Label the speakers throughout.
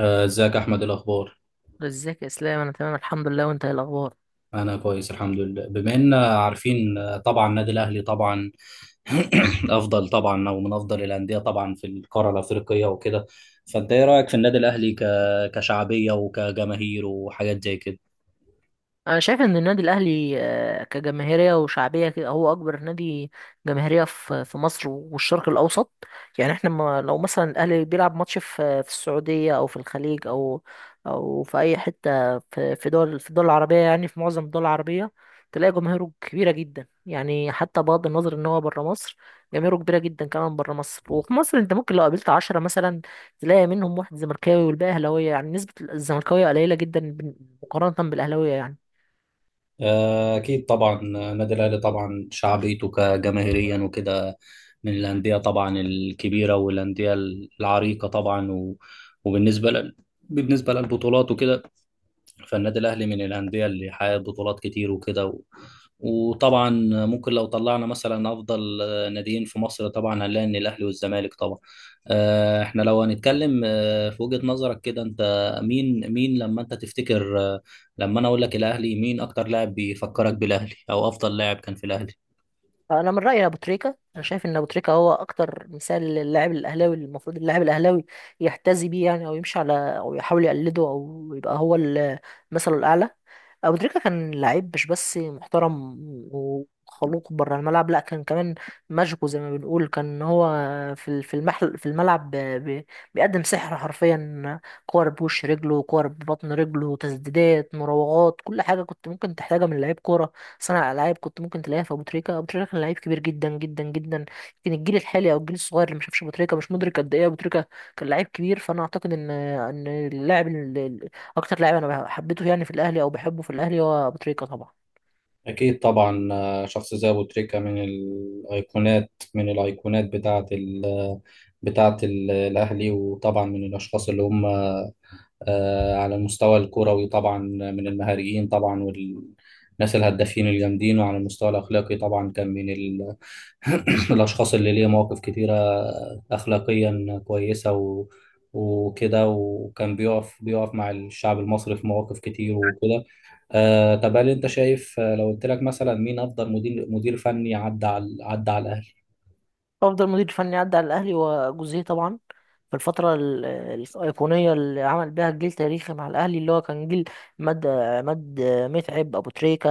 Speaker 1: ازيك احمد، إيه الاخبار؟
Speaker 2: ازيك يا اسلام، انا تمام الحمد لله. وانت ايه الاخبار؟
Speaker 1: انا كويس الحمد لله، بما ان عارفين طبعا النادي الاهلي طبعا افضل طبعا، او من افضل الانديه طبعا في القاره الافريقيه وكده. فانت ايه رايك في النادي الاهلي كشعبيه وكجماهير وحاجات زي كده؟
Speaker 2: انا شايف ان النادي الاهلي كجماهيريه وشعبيه كده هو اكبر نادي جماهيريه في في مصر والشرق الاوسط. يعني احنا ما لو مثلا الاهلي بيلعب ماتش في السعوديه او في الخليج او في اي حته في الدول العربيه، يعني في معظم الدول العربيه تلاقي جماهيره كبيره جدا. يعني حتى بغض النظر ان هو بره مصر، جماهيره كبيره جدا كمان بره مصر. وفي مصر انت ممكن لو قابلت 10 مثلا تلاقي منهم واحد زملكاوي والباقي اهلاويه. يعني نسبه الزملكاويه قليله جدا مقارنه بالاهلاويه يعني.
Speaker 1: اكيد طبعا. النادي الاهلي طبعا شعبيته كجماهيريا وكده، من الانديه طبعا الكبيره والانديه العريقه طبعا وبالنسبه ل... بالنسبه للبطولات وكده. فالنادي الأهلي من الأندية اللي حققت بطولات كتير وكده وطبعا ممكن لو طلعنا مثلا أفضل ناديين في مصر، طبعا هنلاقي إن الأهلي والزمالك طبعا. إحنا لو هنتكلم في وجهة نظرك كده، أنت مين لما أنت تفتكر، لما أنا أقول لك الأهلي، مين أكتر لاعب بيفكرك بالأهلي أو أفضل لاعب كان في الأهلي؟
Speaker 2: انا من رايي ابو تريكه. انا شايف ان ابو تريكه هو اكتر مثال للاعب الاهلاوي، اللي المفروض اللاعب الاهلاوي يحتذي بيه، يعني او يمشي على، او يحاول يقلده، او يبقى هو مثله الاعلى. ابو تريكه كان لعيب مش بس محترم وخلوق بره الملعب، لا كان كمان ماجيكو زي ما بنقول. كان هو في المحل في الملعب ب- بيقدم سحر حرفيا. كور بوش رجله، كور ببطن رجله، تسديدات، مراوغات، كل حاجه كنت ممكن تحتاجها من لعيب كوره، صانع العاب، كنت ممكن تلاقيها في ابو تريكه. ابو تريكه كان لعيب كبير جدا جدا جدا. يمكن الجيل الحالي او الجيل الصغير اللي ما شافش ابو تريكه مش مدرك قد ايه ابو تريكه كان لعيب كبير. فانا اعتقد ان اكتر لاعب انا حبيته، يعني في الاهلي او بحبه في الاهلي، هو ابو تريكه طبعا.
Speaker 1: أكيد طبعا. شخص زي أبو تريكة من الأيقونات، الأهلي، وطبعا من الأشخاص اللي هم على المستوى الكروي طبعا من المهاريين طبعا والناس الهدافين الجامدين، وعلى المستوى الأخلاقي طبعا كان من الأشخاص اللي ليه مواقف كتيرة أخلاقيا كويسة وكده، وكان بيقف مع الشعب المصري في مواقف كتير وكده. طب، هل أنت شايف، لو قلت لك مثلا مين أفضل مدير فني عدى على الأهلي؟
Speaker 2: افضل مدير فني عدى على الاهلي وجوزيه طبعا، في الفتره الايقونيه اللي عمل بيها جيل تاريخي مع الاهلي، اللي هو كان جيل عماد متعب، ابو تريكه،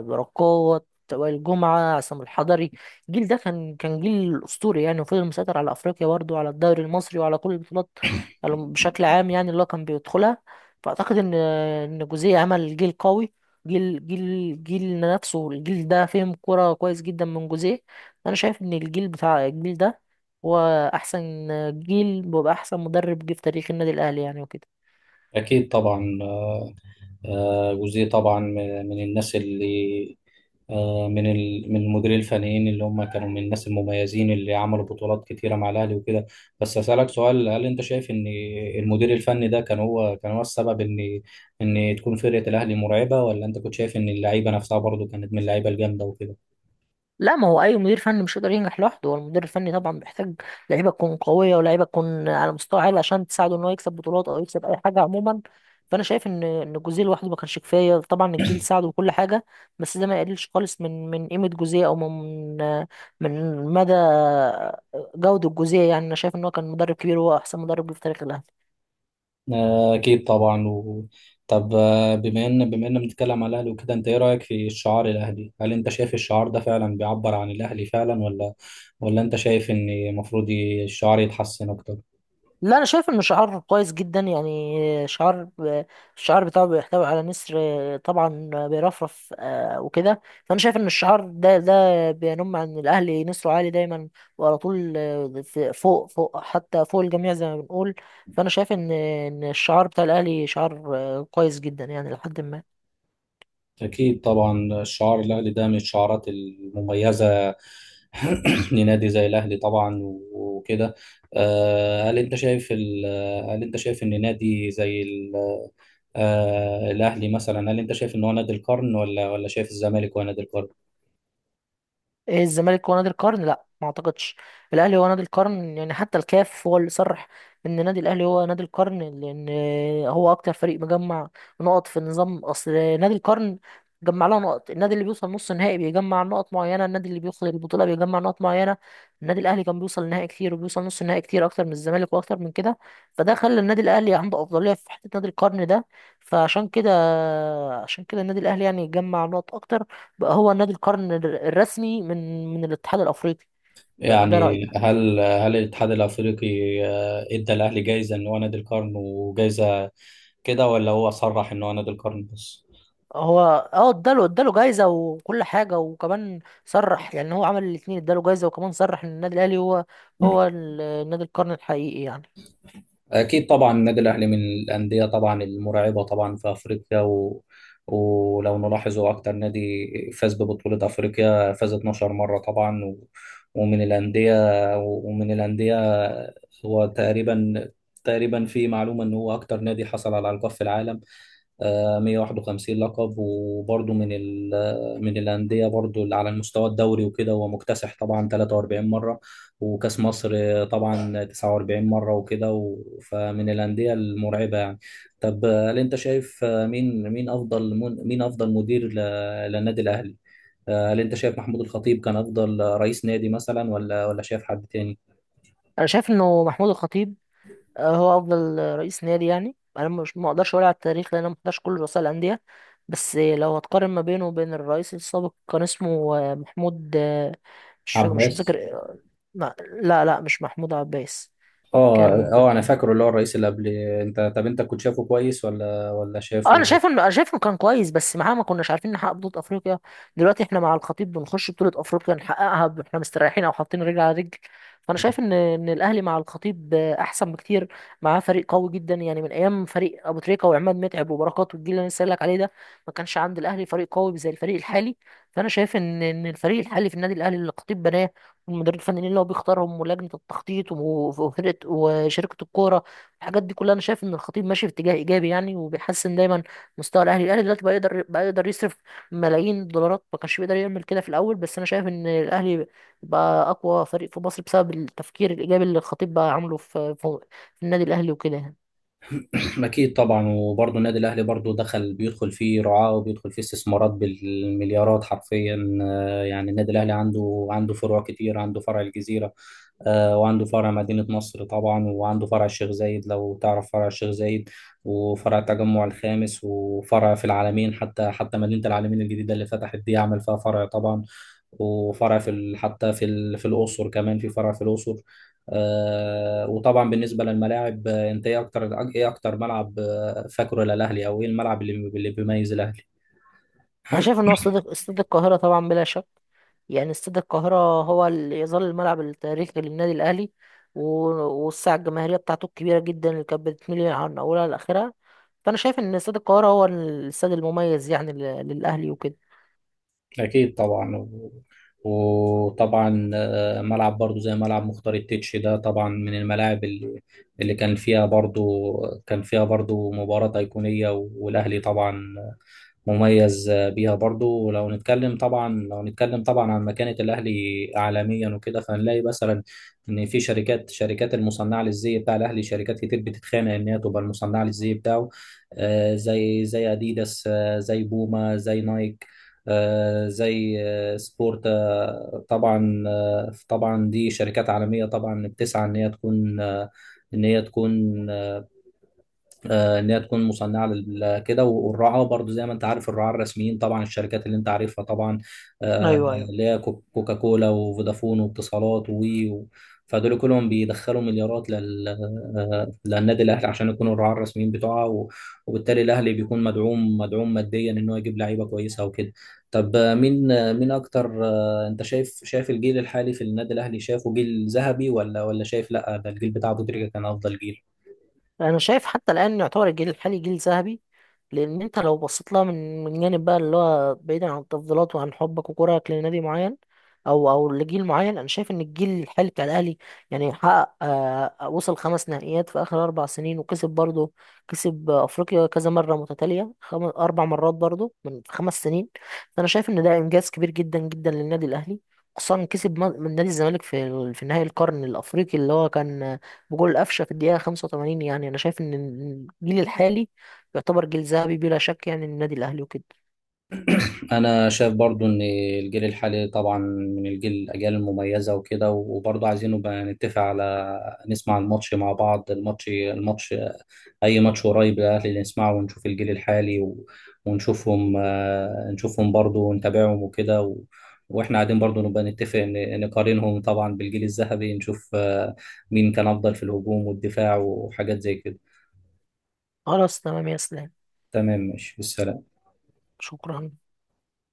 Speaker 2: بركات، وائل جمعه، عصام الحضري. الجيل ده كان جيل اسطوري يعني، وفضل مسيطر على افريقيا برضه وعلى الدوري المصري وعلى كل البطولات بشكل عام، يعني اللي هو كان بيدخلها. فاعتقد ان جوزيه عمل جيل قوي. جيل نفسه، الجيل ده فهم كرة كويس جدا من جوزيه. انا شايف ان الجيل بتاع الجيل ده هو احسن جيل، ويبقى احسن مدرب جه في تاريخ النادي الاهلي يعني وكده.
Speaker 1: أكيد طبعا. جزئية طبعا من الناس اللي من المديرين الفنيين اللي هم كانوا من الناس المميزين اللي عملوا بطولات كتيرة مع الأهلي وكده. بس أسألك سؤال، هل أنت شايف إن المدير الفني ده كان هو السبب إن تكون فرقة الأهلي مرعبة، ولا أنت كنت شايف إن اللعيبة نفسها برضه كانت من اللعيبة الجامدة وكده؟
Speaker 2: لا، ما هو اي مدير فني مش يقدر ينجح لوحده. هو المدير الفني طبعا بيحتاج لعيبه تكون قويه ولاعيبه تكون على مستوى عالي عشان تساعده ان هو يكسب بطولات او يكسب اي حاجه عموما. فانا شايف ان جوزيه لوحده ما كانش كفايه. طبعا الجيل ساعده وكل حاجه، بس ده ما يقللش خالص من قيمه جوزيه، او من مدى جوده جوزيه. يعني انا شايف ان هو كان مدرب كبير، وهو احسن مدرب جه في تاريخ الاهلي.
Speaker 1: أكيد طبعا طب، بما إن بنتكلم على الأهلي وكده، أنت إيه رأيك في الشعار الأهلي؟ هل أنت شايف الشعار ده فعلا بيعبر عن الأهلي فعلا، ولا أنت شايف إن المفروض الشعار يتحسن أكتر؟
Speaker 2: لا، انا شايف ان شعار كويس جدا. يعني الشعار بتاعه بيحتوي على نسر طبعا بيرفرف وكده. فانا شايف ان الشعار ده بينم عن الاهلي، نسره عالي دايما وعلى طول، فوق حتى فوق الجميع زي ما بنقول. فانا شايف ان الشعار بتاع الاهلي شعار كويس جدا يعني لحد ما.
Speaker 1: أكيد طبعا. الشعار الأهلي ده من الشعارات المميزة لنادي زي الأهلي طبعا وكده. آه، هل أنت شايف ال... هل أنت شايف إن نادي زي الأهلي مثلا، هل أنت شايف إن هو نادي القرن، ولا شايف الزمالك هو نادي القرن؟
Speaker 2: ايه، الزمالك هو نادي القرن؟ لا ما اعتقدش. الاهلي هو نادي القرن، يعني حتى الكاف هو اللي صرح ان نادي الاهلي هو نادي القرن. لان هو اكتر فريق مجمع نقط في النظام. اصل نادي القرن جمع لها نقط، النادي اللي بيوصل نص نهائي بيجمع نقط معينه، النادي اللي بيوصل البطوله بيجمع نقط معينه. النادي الاهلي كان بيوصل نهائي كتير وبيوصل نص نهائي كتير اكتر من الزمالك واكتر من كده. فده خلى النادي الاهلي عنده افضليه في حته نادي القرن ده. فعشان كده عشان كده النادي الاهلي يعني جمع نقط اكتر، بقى هو نادي القرن الرسمي من الاتحاد الافريقي. ده
Speaker 1: يعني
Speaker 2: رايي.
Speaker 1: هل الاتحاد الافريقي ادى الاهلي جايزه ان هو نادي القرن وجايزه كده، ولا هو صرح ان هو نادي القرن بس؟
Speaker 2: هو اه اداله جايزه وكل حاجه، وكمان صرح. يعني هو عمل الاثنين، اداله جايزه وكمان صرح ان النادي الاهلي هو نادي القرن الحقيقي يعني.
Speaker 1: أكيد طبعا. النادي الأهلي من الأندية طبعا المرعبة طبعا في أفريقيا ولو نلاحظ، هو أكتر نادي فاز ببطولة أفريقيا، فاز 12 مرة طبعا ومن الأندية ومن الأندية هو تقريبا في معلومة إن هو أكتر نادي حصل على ألقاب في العالم، 151 لقب، وبرضه من من الأندية برضه على المستوى الدوري وكده هو مكتسح طبعا 43 مرة، وكأس مصر طبعا 49 مرة وكده فمن الأندية المرعبة يعني. طب، هل أنت شايف مين أفضل مدير للنادي الأهلي؟ هل أنت شايف محمود الخطيب كان أفضل رئيس نادي مثلا، ولا شايف حد تاني؟
Speaker 2: انا شايف انه محمود الخطيب هو افضل رئيس نادي. يعني انا مش ما اقدرش اقول على التاريخ لان انا ما حضرش كل رؤساء الانديه. بس لو هتقارن ما بينه وبين الرئيس السابق، كان اسمه محمود، مش
Speaker 1: عباس.
Speaker 2: متذكر، ما- لا، لا، مش محمود عباس.
Speaker 1: اه،
Speaker 2: كان،
Speaker 1: اه، انا فاكره اللي هو الرئيس اللي قبل انت. طب انت كنت شايفه كويس، ولا
Speaker 2: اه
Speaker 1: شايفه؟
Speaker 2: انا شايف انه كان كويس، بس معاه ما كناش عارفين نحقق بطولة افريقيا. دلوقتي احنا مع الخطيب بنخش بطولة افريقيا نحققها، احنا مستريحين او حاطين رجل على رجل. فانا شايف ان الاهلي مع الخطيب احسن بكتير. معاه فريق قوي جدا، يعني من ايام فريق ابو تريكة وعماد متعب وبركات والجيل اللي انا لسه قايل لك عليه ده، ما كانش عند الاهلي فريق قوي زي الفريق الحالي. فانا شايف ان الفريق الحالي في النادي الاهلي اللي الخطيب بناه، والمدير الفني اللي هو بيختارهم، ولجنة التخطيط، وفرقة وشركة الكورة، الحاجات دي كلها، انا شايف ان الخطيب ماشي في اتجاه ايجابي يعني، وبيحسن دايما مستوى الاهلي. الاهلي دلوقتي بقى يقدر يصرف ملايين الدولارات، ما كانش بيقدر يعمل كده في الاول. بس انا شايف ان الاهلي بقى اقوى فريق في مصر بسبب التفكير الايجابي اللي الخطيب بقى عامله في النادي الاهلي وكده يعني.
Speaker 1: أكيد طبعا، وبرضه النادي الأهلي برضه بيدخل فيه رعاة، وبيدخل فيه استثمارات بالمليارات حرفيا. يعني النادي الأهلي عنده فروع كتير، عنده فرع الجزيرة، وعنده فرع مدينة نصر طبعا، وعنده فرع الشيخ زايد لو تعرف فرع الشيخ زايد، وفرع التجمع الخامس، وفرع في العالمين، حتى مدينة العالمين الجديدة اللي فتحت دي عمل فيها فرع طبعا، وفرع في ال- حتى في ال- في الأقصر، كمان في فرع في الأقصر. وطبعا بالنسبة للملاعب، انت ايه اكتر ملعب فاكره للأهلي، او ايه الملعب اللي بيميز الأهلي؟
Speaker 2: انا شايف ان هو استاد القاهره طبعا بلا شك. يعني استاد القاهره هو اللي يظل الملعب التاريخي للنادي الاهلي، و- والساعه الجماهيريه بتاعته الكبيره جدا اللي كانت بتميل عن اولها لاخرها. فانا شايف ان استاد القاهره هو الاستاد المميز يعني للاهلي وكده.
Speaker 1: أكيد طبعا وطبعا. ملعب برضو زي ملعب مختار التتش ده طبعا من الملاعب اللي كان فيها برضو مباراة أيقونية، والأهلي طبعا مميز بيها برضو. ولو نتكلم طبعا لو نتكلم طبعا عن مكانة الأهلي عالميا وكده، فهنلاقي مثلا إن في شركات المصنعة للزي بتاع الأهلي، شركات كتير بتتخانق إن هي تبقى المصنعة للزي بتاعه. زي أديداس، زي بوما، زي نايك، زي سبورتا. طبعا دي شركات عالمية طبعا بتسعى ان هي تكون، ان هي تكون ان هي تكون مصنعه كده. والرعاه برضو زي ما انت عارف، الرعاه الرسميين طبعا، الشركات اللي انت عارفها طبعا، آه،
Speaker 2: ايوه، ايوه.
Speaker 1: اللي هي كوكاكولا وفودافون واتصالات و- فدول كلهم بيدخلوا مليارات للنادي الاهلي عشان يكونوا الرعاه الرسميين بتوعها، وبالتالي الاهلي بيكون مدعوم ماديا ان هو يجيب لعيبه كويسه وكده. طب، مين اكتر، انت شايف الجيل الحالي في النادي الاهلي، شايفه جيل ذهبي، ولا شايف لا ده الجيل بتاع ابو تريكه كان افضل جيل؟
Speaker 2: انا شايف حتى الان يعتبر الجيل الحالي جيل ذهبي. لان انت لو بصيت لها من جانب بقى، اللي هو بعيدا عن التفضيلات وعن حبك وكرهك لنادي معين او لجيل معين، انا شايف ان الجيل الحالي بتاع الاهلي يعني حقق آه، وصل خمس نهائيات في اخر 4 سنين، وكسب برضه، كسب افريقيا كذا مره متتاليه، اربع مرات برضه من 5 سنين. فانا شايف ان ده انجاز كبير جدا جدا للنادي الاهلي، خصوصا كسب من نادي الزمالك في نهائي القرن الافريقي اللي هو كان بجول قفشه في الدقيقه 85 يعني. انا شايف ان الجيل الحالي يعتبر جيل ذهبي بلا شك يعني، النادي الاهلي وكده.
Speaker 1: انا شايف برضو ان الجيل الحالي طبعا من الاجيال المميزه وكده. وبرضو عايزين نبقى نتفق على نسمع الماتش مع بعض. الماتش الماتش اي ماتش قريب الاهلي نسمعه ونشوف الجيل الحالي، ونشوفهم آه، نشوفهم برضو ونتابعهم وكده، واحنا قاعدين برضو نبقى نتفق نقارنهم طبعا بالجيل الذهبي، نشوف مين كان افضل في الهجوم والدفاع وحاجات زي كده.
Speaker 2: خلاص تمام يا اسلام.
Speaker 1: تمام، ماشي، بالسلامه.
Speaker 2: شكرا.